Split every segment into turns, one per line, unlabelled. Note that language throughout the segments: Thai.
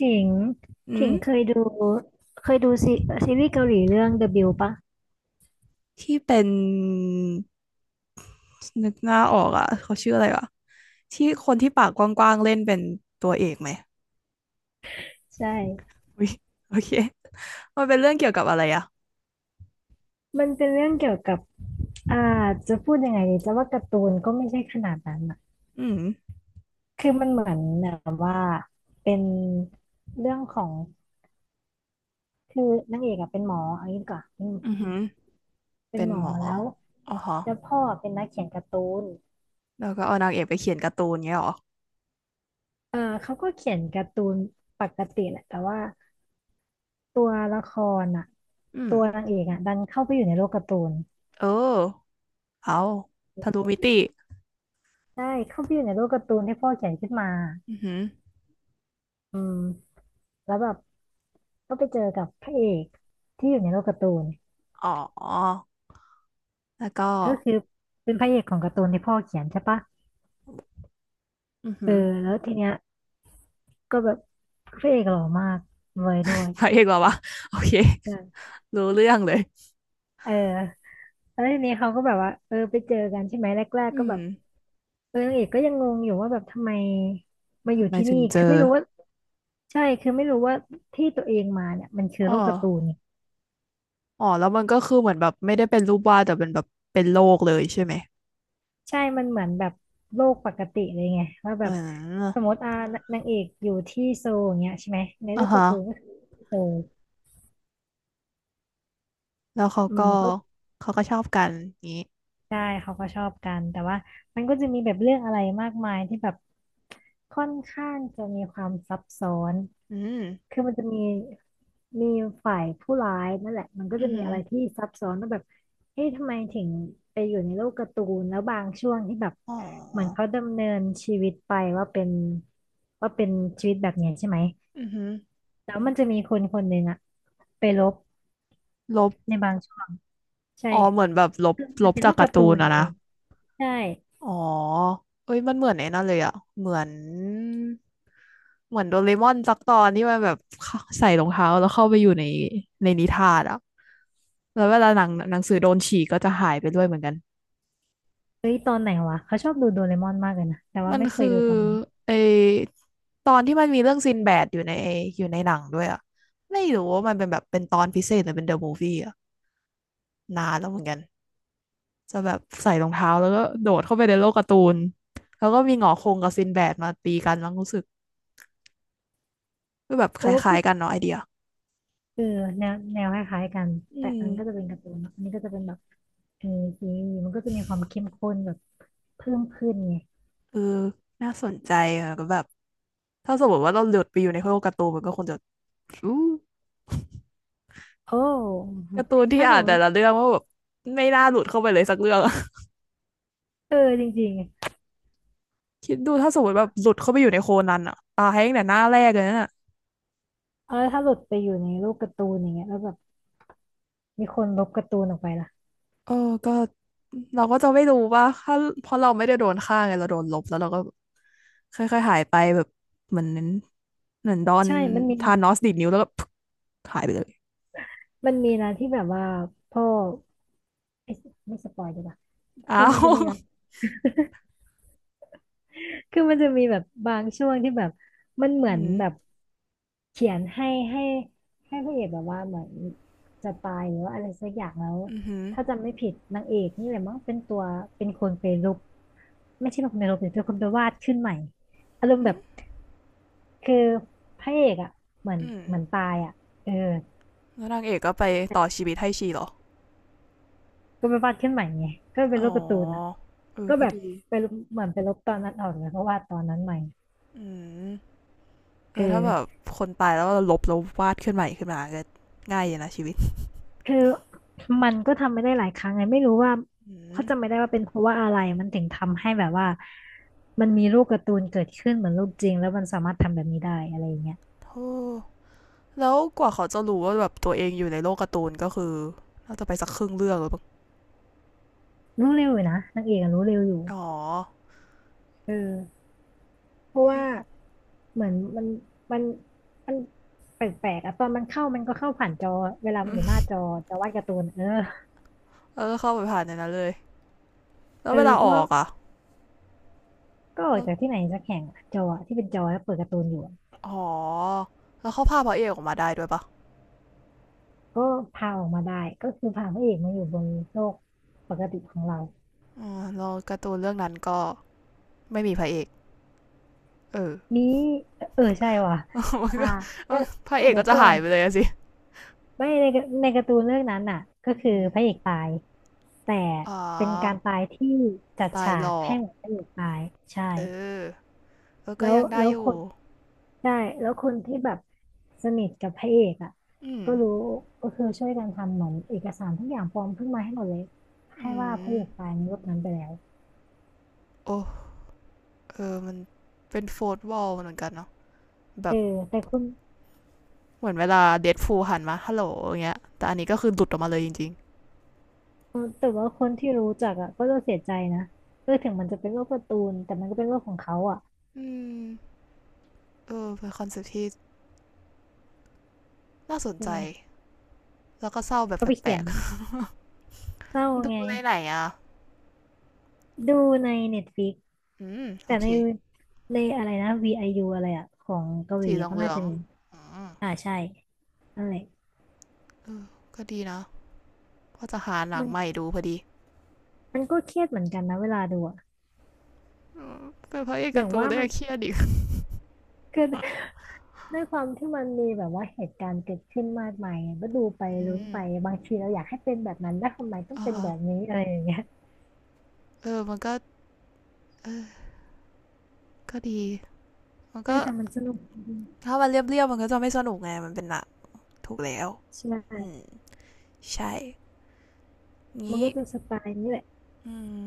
ถิง
อื
ถิงเค
ม
ยดูเคยดูซีซีรีส์เกาหลีเรื่อง The Bill ปะ
ที่เป็นนึกหน้าออกอ่ะเขาชื่ออะไรวะที่คนที่ปากกว้างๆเล่นเป็นตัวเอกไหม
ใช่
อุ้ยโอเคมันเป็นเรื่องเกี่ยวกับอะไรอ่ะ
มันเป็นเรื่องเกี่ยวกับอ่าจะพูดยังไงดีจะว่าการ์ตูนก็ไม่ใช่ขนาดนั้นอะ
อืม
คือมันเหมือนแบบว่าเป็นเรื่องของคือนางเอกอะเป็นหมอเอางี้ดีกว่อนอืม
อือหือ
เป็น
เป็น
หมอ
หมอ
แล้ว
อ๋อฮะ
พ่อเป็นนักเขียนการ์ตูน
แล้วก็เอานางเอกไปเขียนการ์ตูนเงี้ยเหรอ
เออเขาก็เขียนการ์ตูนปกติแหละแต่ว่าตัวละครอ่ะ
อืม
ตัวนางเอกอ่ะดันเข้าไปอยู่ในโลกการ์ตูน
เออเอาทะลุมิติ
ใช่เข้าไปอยู่ในโลกการ์ตูนที่พ่อเขียนขึ้นมา
อือหือ
อืมแล้วแบบก็ไปเจอกับพระเอกที่อยู่ในโลกการ์ตูน
อ๋อแล้วก็
ก็คือเป็นพระเอกของการ์ตูนที่พ่อเขียนใช่ปะ
อือ
เอ
หื
อ
อ
แล้วทีเนี้ยก็แบบพระเอกหล่อมากรวยด้วย
พระเอกเหรอวะโอเค
ใช่
รู้เรื่องเลย
เออแล้วทีนี้เขาก็แบบว่าเออไปเจอกันใช่ไหมแรก
อื
ๆก็แบ
ม
บเออนางเอกก็ยังงงอยู่ว่าแบบทำไมมาอ
ทำ
ยู่
ไม
ที่
ถึ
นี่
งเจ
คือ
อ
ไม่รู้ว่าใช่คือไม่รู้ว่าที่ตัวเองมาเนี่ยมันคือ
อ๋อ
โลกการ์ตูน
อ๋อแล้วมันก็คือเหมือนแบบไม่ได้เป็นรูปวาดแต่เป็นแบบเป็นโลกเลยใช่ไหม
ใช่มันเหมือนแบบโลกปกติเลยไงว่าแบ
อื
บ
า
สมมติอ่านางเอกอยู่ที่โซลอย่างเงี้ยใช่ไหมในโล
อ่า
กกา
ฮะ
ร์ตูนก็คือโซล
แล้วเขา
อื
ก็
มก็
ชอบกันนี้
ใช่เขาก็ชอบกันแต่ว่ามันก็จะมีแบบเรื่องอะไรมากมายที่แบบค่อนข้างจะมีความซับซ้อน
อืม
คือมันจะมีฝ่ายผู้ร้ายนั่นแหละมันก็
อื
จะ
อ
มี
หือ
อะไรที่ซับซ้อนว่าแบบเอ๊ะทำไมถึงไปอยู่ในโลกการ์ตูนแล้วบางช่วงที่แบบ
อ๋
เหมือน
อ
เขาดำเนินชีวิตไปว่าเป็นชีวิตแบบเนี้ยใช่ไหม
อือหือ
แล้วมันจะมีคนคนหนึ่งอะไปลบ
ลบ
ในบางช่วงใช่
อ๋อเหมือนแบบลบ
มันเป็นโล
จาก
ก
กา
กา
ร์
ร์ตู
ตูน
น
อะ
ไง
นะ
ใช่
อ๋อเอ้ยมันเหมือนไอ้นั่นเลยอะเหมือนโดเรมอนสักตอนที่มันแบบเข้าใส่รองเท้าแล้วเข้าไปอยู่ในนิทานอะแล้วเวลาหนังหนังสือโดนฉีกก็จะหายไปด้วยเหมือนกัน
เฮ้ยตอนไหนวะเขาชอบดูโดเรมอนมากเลยนะแต่ว่า
มัน
ไม่เค
คือ
ยดูตอนนั้น
ไอตอนที่มันมีเรื่องซินแบดอยู่ในหนังด้วยอ่ะไม่รู้ว่ามันเป็นแบบเป็นตอนพิเศษหรือเป็นเดอะมูฟวี่อ่ะนานแล้วเหมือนกันจะแบบใส่รองเท้าแล้วก็โดดเข้าไปในโลกการ์ตูนแล้วก็มีหงอคงกับซินแบดมาตีกันแล้วรู้สึกก็แบบค
เอ
ล
อก็
้า
คื
ย
อ
ๆกันเนาะไอเดีย
เออแนวแนวคล้ายๆกัน
อื
แต่
ม
อันก็จะเป็นการ์ตูนเนอะอันนี้ก็จะเป็นแบบเออซีรีส์มันก็จะมีความเข้มข้นแบบเพิ่มขึ้นไง
เออน่าสนใจอ่ะก็แบบถ้าสมมติว่าเราหลุดไปอยู่ในโลกการ์ตูนมันก็คงจะอู้
โอ้
การ์ตูนที่
ถ้าส
อ่าน
มม
แต่
ติ
ละเรื่องว่าแบบไม่น่าหลุดเข้าไปเลยสักเรื่อง
เออจริงๆไง
คิดดูถ้าสมมติแบบหลุดเข้าไปอยู่ในโคนันอะตายตั้งแต่หน้าแรกเลยนั่นอะ
เออถ้าหลุดไปอยู่ในโลกการ์ตูนอย่างเงี้ยแล้วแบบมีคนลบการ์ตูนออกไปล่ะ
เออก็เราก็จะไม่รู้ว่าถ้าเพราะเราไม่ได้โดนฆ่าไงเราโดนลบแล้วเราก็ค่อยๆหายไปแบบเหมือนดอน
ใช่มันมี
ทานอสดีดนิ้วแล้วก็ พึกหายไปเลย
มันมีนะที่แบบว่าพ่อเอ้ยไม่สปอยดีกว่าคื
อ้า
อมัน
ว
จะมีนะ คือมันจะมีแบบบางช่วงที่แบบมันเหมื
อื
อนแบ
ม
บเขียนให้ให้พระเอกแบบว่าเหมือนจะตายหรือว่าอะไรสักอย่างแล้ว
อืมอหือ
ถ้าจำไม่ผิดนางเอกนี่แหละมั้งเป็นตัวเป็นคนไปลบไม่ใช่เป็นคนไปลบแต่เป็นคนไปวาดขึ้นใหม่อารมณ์แบบคือพระเอกอ่ะเหมือน
อืม
เหมือนตายอ่ะเออ
แล้วนางเอกก็ไปต่อชีวิตให้ชีเหรอ
ก็ไปวาดขึ้นใหม่ไงก็เป็นล
อ๋อ
บการ์ตูนอ่ะ
เออ
ก็
ก็
แบบ
ดี
ไปลบเหมือนไปลบตอนนั้นออกแล้วก็วาดตอนนั้นใหม่
อืมเอ
เอ
อถ้าแบบ
อ
คนตายแล้วเราลบแล้ววาดขึ้นใหม่ขึ้นมาก็ง่ายอยู่นะชีวิต
คือมันก็ทำไม่ได้หลายครั้งไงไม่รู้ว่า
อืม
เขาจำไม่ได้ว่าเป็นเพราะว่าอะไรมันถึงทำให้แบบว่ามันมีรูปการ์ตูนเกิดขึ้นเหมือนรูปจริงแล้วมันสามารถทำแบบนี้ได้อะไรอย่างเงี้ย
โธ่แล้วกว่าเขาจะรู้ว่าแบบตัวเองอยู่ในโลกการ์ตูนก็คือน่าจะไปสักครึ่งเรื่องหรือเปล่า
รู้เร็วอยู่นะนางเอกอะรู้เร็วอยู่
อ๋อ
เออเพราะว่าเหมือนมันมันแปลกๆอะตอนมันเข้ามันก็เข้าผ่านจอเวลามันอยู่หน้า
อ
จอจะวาดการ์ตูนเออ
แล้วก็เข้าไปผ่านในนั้นเลยแล้ว
เอ
เว
อ
ลา
เพ
อ
ราะ
อ
ว่า
กอ่ะ
ก็ออกจากที่ไหนสักแห่งอะจออะที่เป็นจอแล้วเปิดการ์ตูนอยู่อะ
อ๋อแล้วเขาพาพระเอกออกมาได้ด้วยปะ
ก็พาออกมาได้ก็คือพาพระเอกมาอยู่บนโลกปกติของเรา
อ๋อแล้วการ์ตูนเรื่องนั้นก็ไม่มีพระเอกเออ
นี้เออใช่ว่ะ
มัน
อ่า
ก็
เอ้อ
พระเอก
เดี๋
ก็
ยว
จะ
ก่อ
หาย
น
ไปเลยสิ
ไม่ในในการ์ตูนเรื่องนั้นน่ะก็คือ
อ
พระเอกตายแต่
๋อ
เป็นการตายที่จัด
ตาย
ฉา
หล
ก
อ
ให้
ก
เหมือนพระเอกตายใช่
เออแล้วก็
แล้ว
ยังได้
แล้ว
อ
ค
ยู่
นใช่แล้วคนที่แบบสนิทกับพระเอกอ่ะ
อืม
ก็รู้ก็คือช่วยกันทำเหมือนเอกสารทุกอย่างปลอมขึ้นมาให้หมดเลยให้
อื
ว่าพระเอก
ม
ตายในรูปนั้นไปแล้ว
โอ้เออมันเป็นโฟร์ทวอลเหมือนกันเนาะแบ
เออ
บ
แต่คุณ
เหมือนเวลาเดดฟูลหันมาฮัลโหลอย่างเงี้ยแต่อันนี้ก็คือหลุดออกมาเลยจริง
เออแต่ว่าคนที่รู้จักอ่ะก็จะเสียใจนะเออถึงมันจะเป็นโลกการ์ตูนแต่มันก็เป็นโลกของเขาอ่ะ
ๆอืมเออเป็นคอนเซ็ปต์ที่น่าสน
ใช่
ใจ
ไหม
แล้วก็เศร้าแบบ
เขาไป
แปล
เขียน
ก
เศร้า
ๆดู
ไง
ในไหนอ่ะ
ดูในเน็ตฟ i ิก
อืมโอ
แต่
เค
ในในอะไรนะ VIU อยูอะไรอ่ะของเกาหลี
สีเหลื
อะ
อง
ก็
เหลื
น่า
อง
จะมีใช่นั่นแหละ
ๆเออก็ดีนะว่าจะหาหนั
มั
ง
น
ใหม่ดูพอดี
มันก็เครียดเหมือนกันนะเวลาดูอ่ะ
เืมเป็นพระเอก
อ
กา
ย่าง
ร์ตูน
ว่า
เล
มัน
ยเครียดอีก
คือด้วยความที่มันมีแบบว่าเหตุการณ์เกิดขึ้นมากมายอะก็ดูไป
อื
ลุ้น
ม
ไปบางทีเราอยากให้เป็นแบบนั้นแล้วทำไมต้อง
อ่า
เป็น
ฮะ
แบบนี้อะไรอย่างเงี้ย
เออมันก็เออก็ดีมัน
เอ
ก็
อแต่มันสนุกดี
ถ้ามันเรียบๆมันก็จะไม่สนุกไงมันเป็นหนักถูกแล้ว
ใช
อื
่
มใช่
มัน
งี้
ก็จะสไตล์นี้แหละ
อืม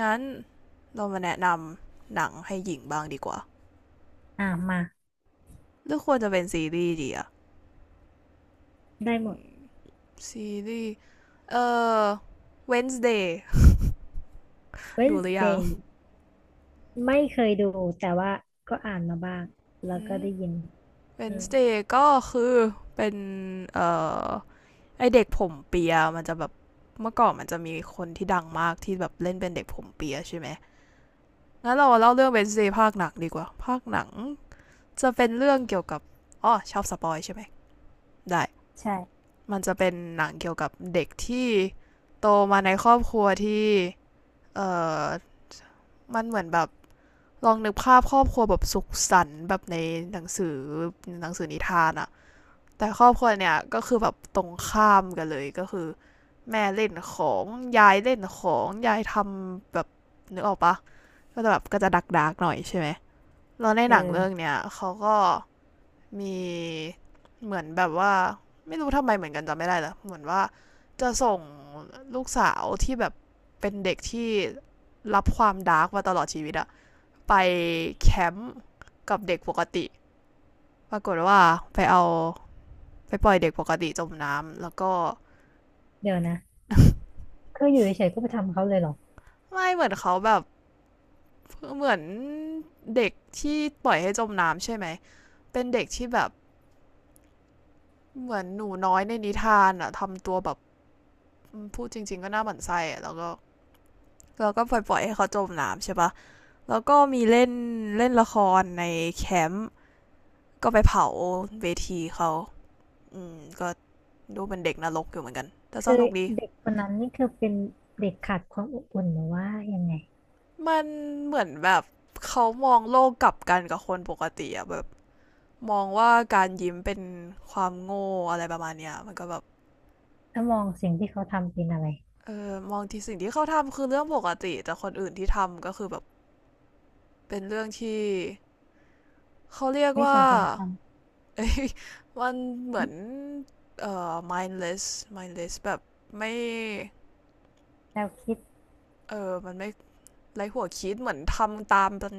งั้นเรามาแนะนำหนังให้หญิงบ้างดีกว่า
อ่ะมา
หรือควรจะเป็นซีรีส์ดีอะ
ได้หมด
ซีรีส์เอ่อ Wednesday ดูหรือยัง
Wednesday ไม่เคยดูแต่ว่าก็อ่านมาบ้างแล้ว
อื
ก็
ม
ได้ยินอืม
Wednesday ก็คือเป็นเอ่อไอเด็กผมเปียมันจะแบบเมื่อก่อนมันจะมีคนที่ดังมากที่แบบเล่นเป็นเด็กผมเปียใช่ไหมงั้นเราเล่าเรื่อง Wednesday ภาคหนังดีกว่าภาคหนังจะเป็นเรื่องเกี่ยวกับอ๋อชอบสปอยใช่ไหมได้
ใช่
มันจะเป็นหนังเกี่ยวกับเด็กที่โตมาในครอบครัวที่เอ่อมันเหมือนแบบลองนึกภาพครอบครัวแบบสุขสันต์แบบในหนังสือนิทานอะแต่ครอบครัวเนี่ยก็คือแบบตรงข้ามกันเลยก็คือแม่เล่นของยายเล่นของยายทำแบบนึกออกปะก็จะแบบก็จะดักดักๆหน่อยใช่ไหมแล้วใน
เ
หนังเรื่อง
ออ
เนี้ยเขาก็ มีเหมือนแบบว่าไม่รู้ทำไมเหมือนกันจำไม่ได้แล้วเหมือนว่าจะส่งลูกสาวที่แบบเป็นเด็กที่รับความดาร์กมาตลอดชีวิตอะไปแคมป์กับเด็กปกติปรากฏว่าไปเอาไปปล่อยเด็กปกติจมน้ำแล้วก็
เดี๋ยวนะคืออยู่เฉยๆก็ไปทำเขาเลยเหรอ
ไม่เหมือนเขาแบบเหมือนเด็กที่ปล่อยให้จมน้ำใช่ไหมเป็นเด็กที่แบบเหมือนหนูน้อยในนิทานอะทำตัวแบบพูดจริงๆก็น่าหมั่นไส้อะแล้วก็ เราก็ปล่อยๆให้เขาจมน้ำใช่ปะแล้วก็มีเล่นเล่นละครในแคมป์ก็ไปเผาเวทีเขาอืมก็ดูเป็นเด็กนรกอยู่เหมือนกัน แต่ส
คือ
นุกดี
เด็กคนนั้นนี่คือเป็นเด็กขาดความอบอุ่นหรือว่ายังไง
มันเหมือนแบบเขามองโลกกลับกันกับคนปกติอะแบบมองว่าการยิ้มเป็นความโง่อะไรประมาณเนี้ยมันก็แบบ
ถ้ามองสิ่งที่เขาทำเป็นอะไร
เออมองที่สิ่งที่เขาทำคือเรื่องปกติแต่คนอื่นที่ทำก็คือแบบเป็นเรื่องที่เขาเรียก
ไม่ส
ว่า
มควรท
เอ้ย มันเหมือนmindless mindless แบบไม่
ำแนวคิด
เออมันไม่ไรหัวคิดเหมือนทำตามกัน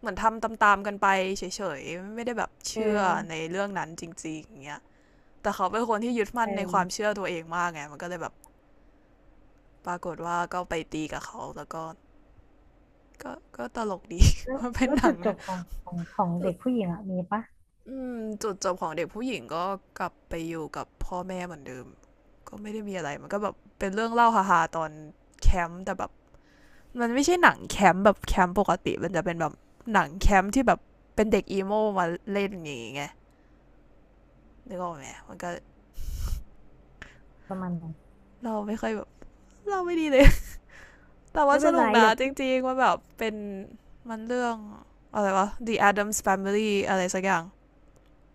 เหมือนทำตามๆกันไปเฉยๆไม่ได้แบบ
เอ
เชื่อใน
อ
เรื่องนั้นจริงๆอย่างเงี้ยแต่เขาเป็นคนที่ยึด
เ
มั่นในความ
ออ
เชื่อตัวเองมากไงมันก็เลยแบบปรากฏว่าก็ไปตีกับเขาแล้วก็ก็ก็ตลกดี
แล้ ว
มันเป็น
แล้ว
หนั
จุ
ง
ดจบของ
จุ
เด็
ด
กผู้หญิงอะมีปะ
จุดจบของเด็กผู้หญิงก็กลับไปอยู่กับพ่อแม่เหมือนเดิม ก็ไม่ได้มีอะไรมันก็แบบเป็นเรื่องเล่าฮาๆตอนแคมป์แต่แบบมันไม่ใช่หนังแคมป์แบบแคมป์ปกติมันจะเป็นแบบหนังแคมป์ที่แบบเป็นเด็กอีโมมาเล่นอย่างงี้ไงนึกออกไหมมันก็
ประมาณไหน
เราไม่ค่อยแบบเราไม่ดีเลย แต่ว่า
ไม่
ส
เป็น
นุ
ไร
กนะ
เดี๋ยว
จริงๆมันแบบเป็นมันเรื่องอะไรวะ The Adams Family อะไรสักอย่าง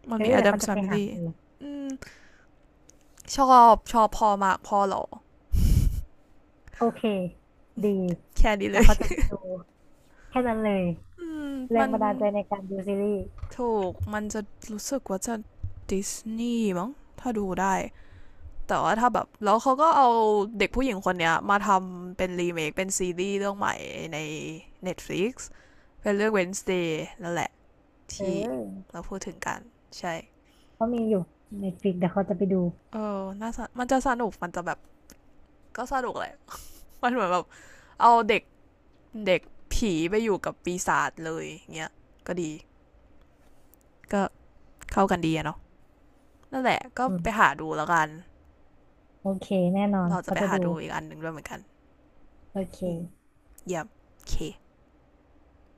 มัน
เออ
มี
เดี๋ยวเขา
Adams
จะไปหา
Family
ดู
อืมชอบชอบพอมากพอเหรอ
โอเคดี
แค่นี้เล
แต่
ย
เขาจะไปดูแค่นั้นเลย
อืม
แร
มั
ง
น
บันดาลใจในการดูซีรีส์
ถูกมันจะรู้สึกว่าจะดิสนีย์มั้งถ้าดูได้ แต่ว่าถ้าแบบแล้วเขาก็เอาเด็กผู้หญิงคนเนี้ยมาทำเป็นรีเมคเป็นซีรีส์เรื่องใหม่ใน Netflix เป็นเรื่อง Wednesday นั่นแหละ
เ
ที่
ออ
เราพูดถึงกันใช่
เขามีอยู่ในฟิกแต่เขาจะไปดู
เออน่าสนกมันจะสนุก มันจะแบบ ก็สนุกแหละ มันเหมือนแบบ เอาเด็ก เด็กผีไปอยู่กับปีศาจเลยเงี้ยก็ดี ก็เข้ากันดีอะเนาะนั่นแหละก็
อื
ไปหา
ม
ดูแล้วกัน
โอเคแน่นอน
เราจะ
เขา
ไป
จะ
หา
ดู
ดูอีกอันหนึ่งด้วยเหมือนกัน
โอเค
อืมยับเค